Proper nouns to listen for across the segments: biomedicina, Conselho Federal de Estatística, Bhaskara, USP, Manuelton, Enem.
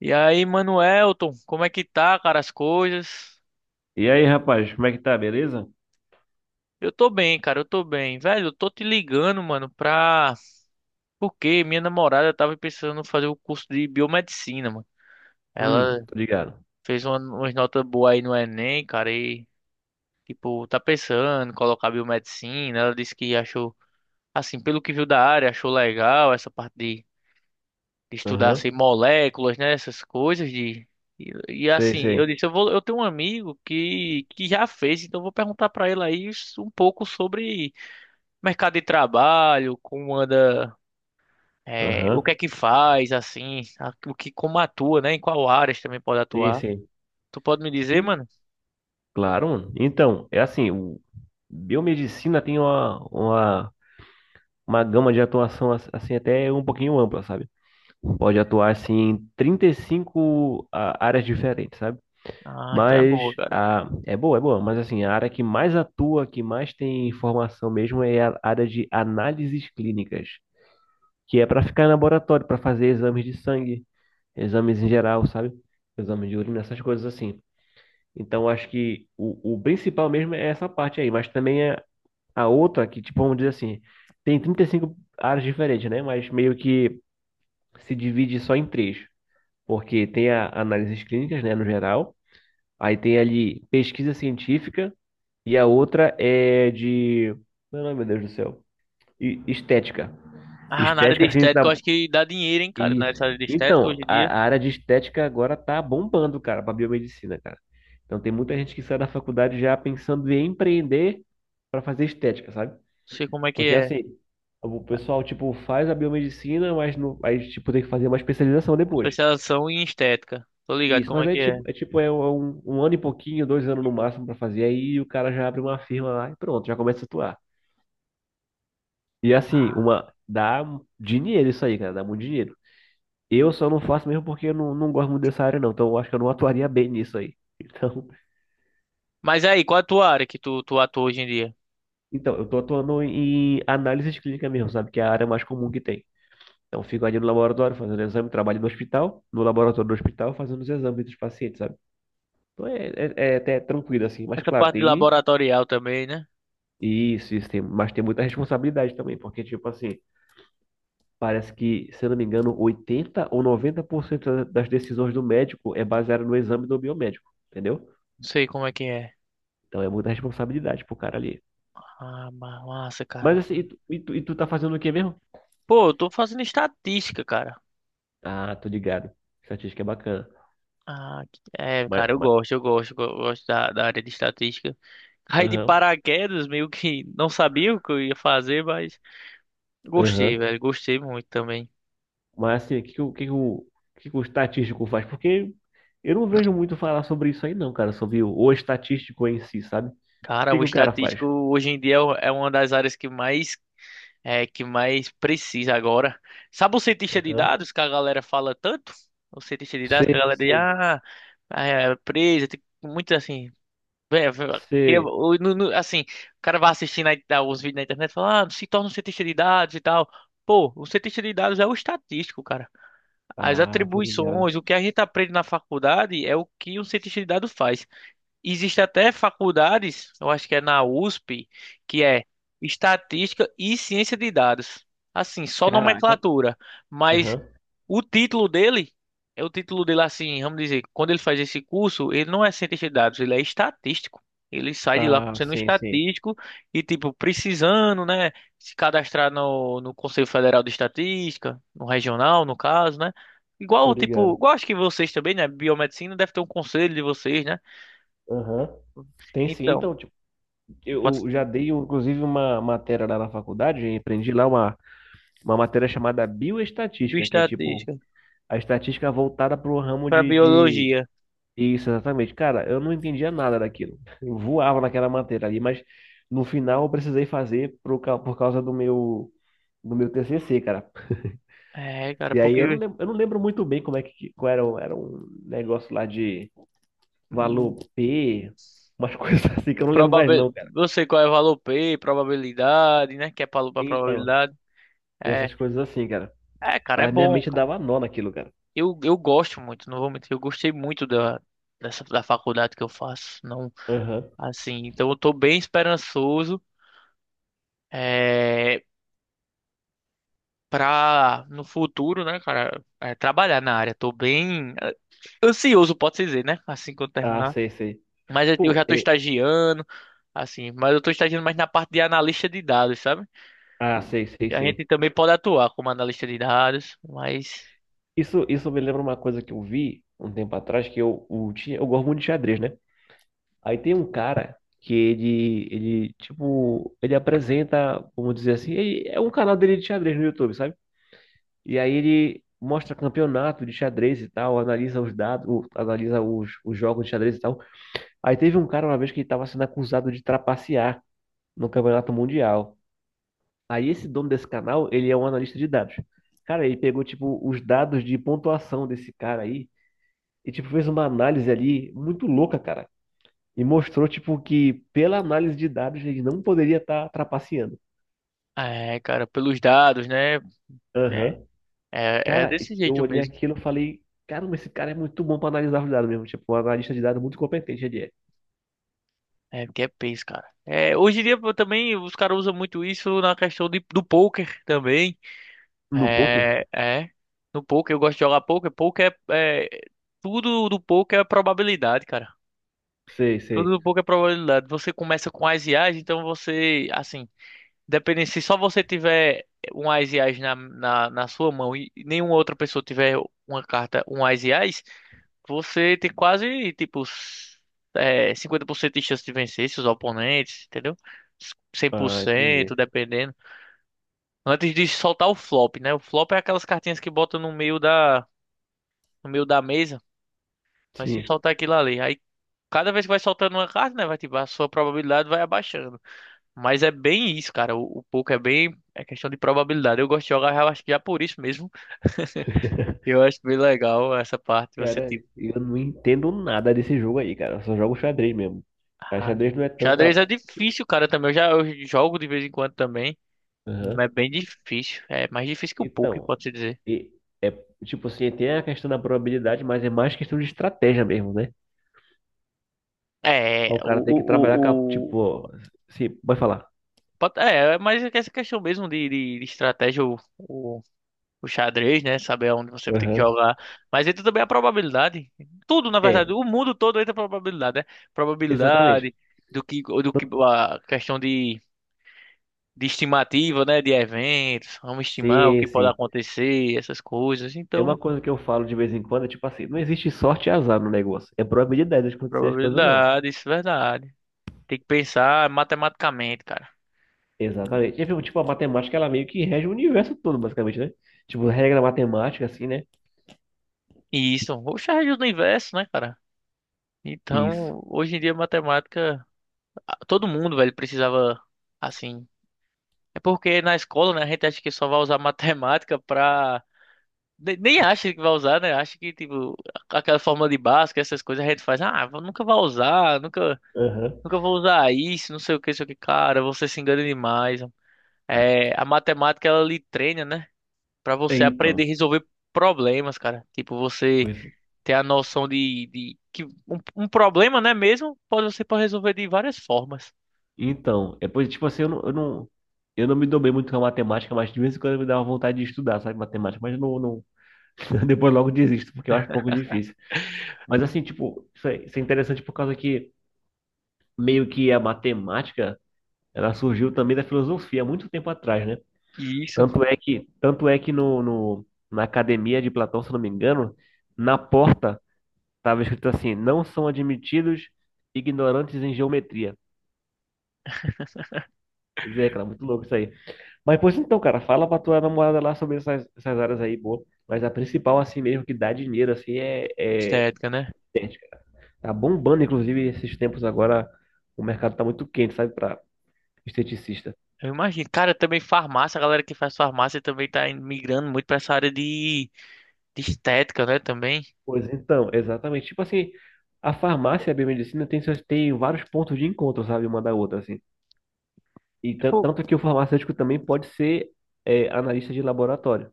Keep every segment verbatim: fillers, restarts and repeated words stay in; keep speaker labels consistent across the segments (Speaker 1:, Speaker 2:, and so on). Speaker 1: E aí, Manuelton, como é que tá, cara, as coisas?
Speaker 2: E aí, rapaz, como é que tá? Beleza?
Speaker 1: Eu tô bem, cara, eu tô bem. Velho, eu tô te ligando, mano, pra. Porque minha namorada tava pensando em fazer o curso de biomedicina, mano. Ela
Speaker 2: Hum, tô ligado.
Speaker 1: fez uma- umas notas boas aí no Enem, cara, e, tipo, tá pensando em colocar biomedicina. Ela disse que achou, assim, pelo que viu da área, achou legal essa parte de de estudar
Speaker 2: Aham,
Speaker 1: assim, moléculas, né? Essas coisas de. E, e,
Speaker 2: sei,
Speaker 1: assim, eu
Speaker 2: sei.
Speaker 1: disse, eu vou, eu tenho um amigo que, que já fez, então eu vou perguntar para ele aí um pouco sobre mercado de trabalho, como anda, é, o que
Speaker 2: Aham,
Speaker 1: é que faz, assim, a- o que, como atua, né? Em qual áreas também pode
Speaker 2: sim,
Speaker 1: atuar.
Speaker 2: sim.
Speaker 1: Tu pode me dizer,
Speaker 2: E,
Speaker 1: mano?
Speaker 2: claro, mano. Então, é assim, o biomedicina tem uma, uma, uma gama de atuação, ass- assim, até um pouquinho ampla, sabe? Pode atuar, assim, em trinta e cinco a- áreas diferentes, sabe?
Speaker 1: Ah, então é boa,
Speaker 2: Mas,
Speaker 1: cara.
Speaker 2: a, é boa, é boa, mas, assim, a área que mais atua, que mais tem informação mesmo é a área de análises clínicas. Que é para ficar em laboratório, para fazer exames de sangue, exames em geral, sabe? Exame de urina, essas coisas assim. Então, acho que o, o principal mesmo é essa parte aí, mas também é a outra que, tipo, vamos dizer assim, tem trinta e cinco áreas diferentes, né? Mas meio que se divide só em três, porque tem a análises clínicas, né, no geral, aí tem ali pesquisa científica e a outra é de... Meu nome, meu Deus do céu. E- Estética.
Speaker 1: Ah, na área de
Speaker 2: Estética, assim,
Speaker 1: estética, eu
Speaker 2: da,
Speaker 1: acho que dá dinheiro, hein, cara? Na
Speaker 2: Isso.
Speaker 1: área de estética,
Speaker 2: Então,
Speaker 1: hoje em
Speaker 2: a,
Speaker 1: dia,
Speaker 2: a área de estética agora tá bombando, cara, para biomedicina, cara. Então tem muita gente que sai da faculdade já pensando em empreender para fazer estética, sabe?
Speaker 1: não sei como é que
Speaker 2: Porque
Speaker 1: é.
Speaker 2: assim, o pessoal tipo faz a biomedicina, mas não, aí tipo tem que fazer uma especialização
Speaker 1: Uma
Speaker 2: depois.
Speaker 1: Especialização em estética. Tô ligado
Speaker 2: Isso,
Speaker 1: como
Speaker 2: mas
Speaker 1: é
Speaker 2: aí
Speaker 1: que é.
Speaker 2: tipo, é tipo é um, um ano e pouquinho, dois anos no máximo para fazer, aí o cara já abre uma firma lá e pronto, já começa a atuar. E assim,
Speaker 1: Ah,
Speaker 2: uma dá dinheiro isso aí, cara, dá muito dinheiro. Eu só não faço mesmo porque eu não, não gosto muito dessa área, não. Então, eu acho que eu não atuaria bem nisso aí.
Speaker 1: Mas aí, qual é a tua área que tu, tu atua hoje em dia?
Speaker 2: Então, então eu tô atuando em análise de clínica mesmo, sabe? Que é a área mais comum que tem. Então, eu fico ali no laboratório fazendo exame, trabalho no hospital, no laboratório do hospital fazendo os exames dos pacientes, sabe? Então, é, é, é até tranquilo, assim. Mas,
Speaker 1: Essa
Speaker 2: claro,
Speaker 1: parte de
Speaker 2: tem
Speaker 1: laboratorial também, né?
Speaker 2: isso, isso tem, mas tem muita responsabilidade também, porque, tipo assim, parece que, se eu não me engano, oitenta ou noventa por cento das decisões do médico é baseada no exame do biomédico, entendeu?
Speaker 1: Não sei como é que é.
Speaker 2: Então, é muita responsabilidade pro cara ali.
Speaker 1: Ah, ma- massa, cara.
Speaker 2: Mas assim, e tu, e tu, e tu tá fazendo o quê mesmo?
Speaker 1: Pô, eu tô fazendo estatística, cara.
Speaker 2: Ah, tô ligado. Estatística é bacana.
Speaker 1: Ah, que- é,
Speaker 2: Mas,
Speaker 1: cara, eu
Speaker 2: mas,
Speaker 1: gosto, eu gosto, eu gosto da, da área de estatística. Caí de
Speaker 2: aham,
Speaker 1: paraquedas, meio que não sabia o que eu ia fazer, mas gostei,
Speaker 2: aham.
Speaker 1: velho, gostei muito também.
Speaker 2: Mas assim, o que, que, o, o que, que, o o que que o estatístico faz? Porque eu não vejo muito falar sobre isso aí, não, cara. Sobre o, o estatístico em si, sabe? O
Speaker 1: Cara,
Speaker 2: que
Speaker 1: o
Speaker 2: que o cara faz?
Speaker 1: estatístico hoje em dia é o- é uma das áreas que mais É que mais precisa agora. Sabe o cientista de
Speaker 2: Aham.
Speaker 1: dados que a galera fala tanto? O cientista de dados
Speaker 2: C,
Speaker 1: que a galera diz,
Speaker 2: C,
Speaker 1: ah, é presa, tem muito assim. Vé- vé- Que,
Speaker 2: C.
Speaker 1: o- no- no- assim, o cara vai assistindo aí, tá, os vídeos na internet e fala, ah, se torna um cientista de dados e tal. Pô, o cientista de dados é o estatístico, cara. As
Speaker 2: Ah, tô ligado.
Speaker 1: atribuições, o que a gente aprende na faculdade é o que um cientista de dados faz. Existe até faculdades, eu acho que é na USP, que é Estatística e Ciência de Dados. Assim, só
Speaker 2: Caraca.
Speaker 1: nomenclatura, mas
Speaker 2: Aham.
Speaker 1: o título dele é o título dele assim, vamos dizer, quando ele faz esse curso, ele não é cientista de dados, ele é estatístico. Ele sai de lá
Speaker 2: Ah,
Speaker 1: sendo um
Speaker 2: sim, sim.
Speaker 1: estatístico e tipo precisando, né, se cadastrar no, no Conselho Federal de Estatística, no regional, no caso, né?
Speaker 2: Tô
Speaker 1: Igual tipo,
Speaker 2: ligado.
Speaker 1: igual acho que vocês também, né, biomedicina deve ter um conselho de vocês, né?
Speaker 2: Aham. Tem sim.
Speaker 1: Então,
Speaker 2: Então, tipo,
Speaker 1: Bota
Speaker 2: eu já dei, inclusive, uma matéria lá na faculdade, aprendi lá uma uma matéria chamada bioestatística, que é tipo
Speaker 1: bioestatística
Speaker 2: a estatística voltada para o ramo
Speaker 1: para
Speaker 2: de, de.
Speaker 1: biologia.
Speaker 2: Isso, exatamente. Cara, eu não entendia nada daquilo. Eu voava naquela matéria ali, mas no final eu precisei fazer por, ca- por causa do meu. Do meu T C C, cara.
Speaker 1: É, cara,
Speaker 2: E aí eu não
Speaker 1: porque
Speaker 2: lembro, eu não lembro muito bem como é que qual era, o- era um negócio lá de valor
Speaker 1: hum,
Speaker 2: P, umas coisas assim que eu não lembro mais
Speaker 1: probabil...
Speaker 2: não, cara.
Speaker 1: eu sei qual é o valor pê, probabilidade, né? Que é para
Speaker 2: Então,
Speaker 1: probabilidade. É,
Speaker 2: essas coisas assim, cara.
Speaker 1: é, cara, é
Speaker 2: A minha
Speaker 1: bom,
Speaker 2: mente
Speaker 1: cara.
Speaker 2: dava nó naquilo, cara.
Speaker 1: Eu, eu gosto muito, não vou mentir, eu gostei muito da, dessa, da faculdade que eu faço. Não,
Speaker 2: Aham.
Speaker 1: assim, então eu tô bem esperançoso é, pra no futuro, né, cara, é, trabalhar na área. Tô bem é, ansioso, pode-se dizer, né? Assim que eu
Speaker 2: Ah,
Speaker 1: terminar.
Speaker 2: sei, sei.
Speaker 1: Mas eu eu já
Speaker 2: Pô,
Speaker 1: tô
Speaker 2: é.
Speaker 1: estagiando. Assim, mas eu estou estagiando mais na parte de analista de dados, sabe?
Speaker 2: Ah, sei, sei,
Speaker 1: Que a
Speaker 2: sim.
Speaker 1: gente também pode atuar como analista de dados, mas.
Speaker 2: Isso, isso me lembra uma coisa que eu vi um tempo atrás, que eu, o, ti- eu gosto muito de xadrez, né? Aí tem um cara que ele, ele, tipo, ele apresenta, vamos dizer assim, ele- é um canal dele de xadrez no YouTube, sabe? E aí ele mostra campeonato de xadrez e tal, analisa os dados, o- analisa os, os jogos de xadrez e tal. Aí teve um cara uma vez que ele estava sendo acusado de trapacear no campeonato mundial. Aí esse dono desse canal, ele é um analista de dados. Cara, ele pegou, tipo, os dados de pontuação desse cara aí e, tipo, fez uma análise ali muito louca, cara. E mostrou, tipo, que pela análise de dados ele não poderia estar trapaceando.
Speaker 1: É, cara, pelos dados, né? É,
Speaker 2: Aham.
Speaker 1: é, é
Speaker 2: Cara,
Speaker 1: desse
Speaker 2: eu
Speaker 1: jeito
Speaker 2: olhei
Speaker 1: mesmo.
Speaker 2: aquilo e falei, caramba, esse cara é muito bom pra analisar os dados mesmo. Tipo, um analista de dados muito competente ele é.
Speaker 1: É, porque é peso, cara. É, hoje em dia pô, também os caras usam muito isso na questão de, do poker também.
Speaker 2: No poker?
Speaker 1: É, é. No poker eu gosto de jogar poker. Poker é, é tudo do poker é probabilidade, cara.
Speaker 2: Sei,
Speaker 1: Tudo
Speaker 2: sei.
Speaker 1: do poker é probabilidade. Você começa com as ases, então você, assim. Dependendo, se só você tiver um Ás e Ás na, na, na sua mão e nenhuma outra pessoa tiver uma carta, um Ás e Ás, você tem quase, tipo, s- é, cinquenta por cento de chance de vencer seus oponentes, entendeu?
Speaker 2: Ah,
Speaker 1: cem por cento,
Speaker 2: entendi.
Speaker 1: dependendo. Antes de soltar o flop, né? O flop é aquelas cartinhas que botam no meio da, no meio da, mesa, mas se
Speaker 2: Sim.
Speaker 1: soltar aquilo ali, aí cada vez que vai soltando uma carta, né, vai, tipo, a sua probabilidade vai abaixando. Mas é bem isso, cara. O, o poker é bem. É questão de probabilidade. Eu gosto de jogar, eu acho que já por isso mesmo. Eu acho bem legal essa parte. Você,
Speaker 2: Cara,
Speaker 1: tipo.
Speaker 2: eu não entendo nada desse jogo aí, cara. Eu só jogo xadrez mesmo. A
Speaker 1: Ah,
Speaker 2: xadrez não é tanta.
Speaker 1: xadrez é
Speaker 2: Tipo,
Speaker 1: difícil, cara, também. Eu já eu jogo de vez em quando também.
Speaker 2: aham.
Speaker 1: Mas é bem difícil. É mais difícil que o poker,
Speaker 2: Então,
Speaker 1: pode-se dizer.
Speaker 2: e- é tipo assim, tem a questão da probabilidade, mas é mais questão de estratégia mesmo, né?
Speaker 1: É,
Speaker 2: O
Speaker 1: o,
Speaker 2: cara tem que trabalhar com a,
Speaker 1: o, o, o-
Speaker 2: tipo, sim, pode falar.
Speaker 1: pode- é, mas é que essa questão mesmo de, de, de estratégia, o, o xadrez, né? Saber onde você tem que
Speaker 2: Aham.
Speaker 1: jogar. Mas entra também a probabilidade. Tudo, na verdade,
Speaker 2: É,
Speaker 1: o mundo todo entra a probabilidade, né?
Speaker 2: exatamente.
Speaker 1: Probabilidade do que, do que a questão de, de estimativa, né? De eventos. Vamos estimar o que
Speaker 2: Sim,
Speaker 1: pode
Speaker 2: sim.
Speaker 1: acontecer, essas coisas.
Speaker 2: É uma
Speaker 1: Então,
Speaker 2: coisa que eu falo de vez em quando, é tipo assim, não existe sorte e azar no negócio. É probabilidade de acontecer as coisas, ou não.
Speaker 1: probabilidade, isso é verdade. Tem que pensar matematicamente, cara.
Speaker 2: Exatamente. E, tipo, tipo, a matemática, ela meio que rege o universo todo, basicamente, né? Tipo, regra matemática, assim, né?
Speaker 1: E isso, o xadrez do universo, né, cara?
Speaker 2: Isso.
Speaker 1: Então, hoje em dia, matemática, a- todo mundo, velho, precisava, assim. É porque na escola, né, a gente acha que só vai usar matemática pra. Ne- Nem acha que vai usar, né? Acha que, tipo, a- aquela fórmula de Bhaskara, essas coisas, a gente faz, ah, eu nunca vai usar, nunca,
Speaker 2: Aham.
Speaker 1: nunca vou usar isso, não sei o que, não sei o que. Cara, você se engana demais. É, a matemática, ela lhe treina, né? Pra
Speaker 2: É,
Speaker 1: você aprender a
Speaker 2: Então,
Speaker 1: resolver problemas, cara. Tipo, você
Speaker 2: pois,
Speaker 1: ter a noção de, de que um, um problema, né, mesmo, pode, você pode resolver de várias formas.
Speaker 2: então, é, pois, tipo assim, eu não, eu não, eu não me dou bem muito com a matemática, mas de vez em quando me dá uma vontade de estudar, sabe, matemática, mas eu não, não, depois logo desisto, porque eu acho um pouco difícil. Mas, assim, tipo, isso é, isso é interessante por causa que meio que a matemática, ela surgiu também da filosofia há muito tempo atrás, né?
Speaker 1: E isso,
Speaker 2: Tanto é que, tanto é que no, no- na academia de Platão, se não me engano, na porta estava escrito assim: não são admitidos ignorantes em geometria. Pois é, cara, muito louco isso aí. Mas, pois então, cara, fala pra tua namorada lá sobre essas, essas áreas aí, boa. Mas a principal, assim mesmo, que dá dinheiro, assim, é, é
Speaker 1: estética, né?
Speaker 2: estética. Tá bombando, inclusive, esses tempos agora, o mercado tá muito quente, sabe, pra esteticista.
Speaker 1: Eu imagino. Cara, também farmácia, a galera que faz farmácia também tá in- migrando muito pra essa área de, de estética, né? Também.
Speaker 2: Pois então, exatamente. Tipo assim, a farmácia e a biomedicina tem, seus- tem vários pontos de encontro, sabe, uma da outra, assim. E tan-
Speaker 1: Tipo,
Speaker 2: tanto que o farmacêutico também pode ser é, analista de laboratório.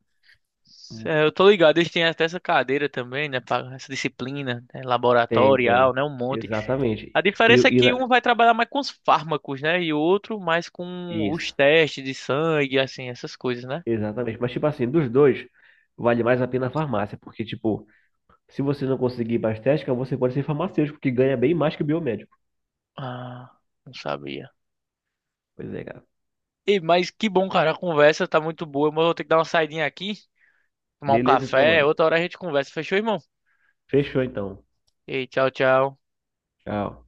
Speaker 2: Hum.
Speaker 1: é, eu tô ligado, eles têm até essa cadeira também, né? pra- Essa disciplina, né,
Speaker 2: Tem,
Speaker 1: laboratorial,
Speaker 2: tem.
Speaker 1: né? Um monte. A
Speaker 2: Exatamente. E,
Speaker 1: diferença é
Speaker 2: e
Speaker 1: que um
Speaker 2: na-
Speaker 1: vai trabalhar mais com os fármacos, né? E o outro mais com os
Speaker 2: isso,
Speaker 1: testes de sangue, assim, essas coisas, né?
Speaker 2: exatamente. Mas, tipo assim, dos dois, vale mais a pena a farmácia, porque, tipo, se você não conseguir mais técnica, você pode ser farmacêutico, que ganha bem mais que o biomédico.
Speaker 1: Ah, não sabia.
Speaker 2: Pois é, cara.
Speaker 1: E, mas que bom, cara. A conversa tá muito boa, mas eu vou ter que dar uma saidinha aqui, tomar um
Speaker 2: Beleza, então,
Speaker 1: café.
Speaker 2: mano.
Speaker 1: Outra hora a gente conversa. Fechou, irmão?
Speaker 2: Fechou, então.
Speaker 1: E tchau, tchau.
Speaker 2: Tchau.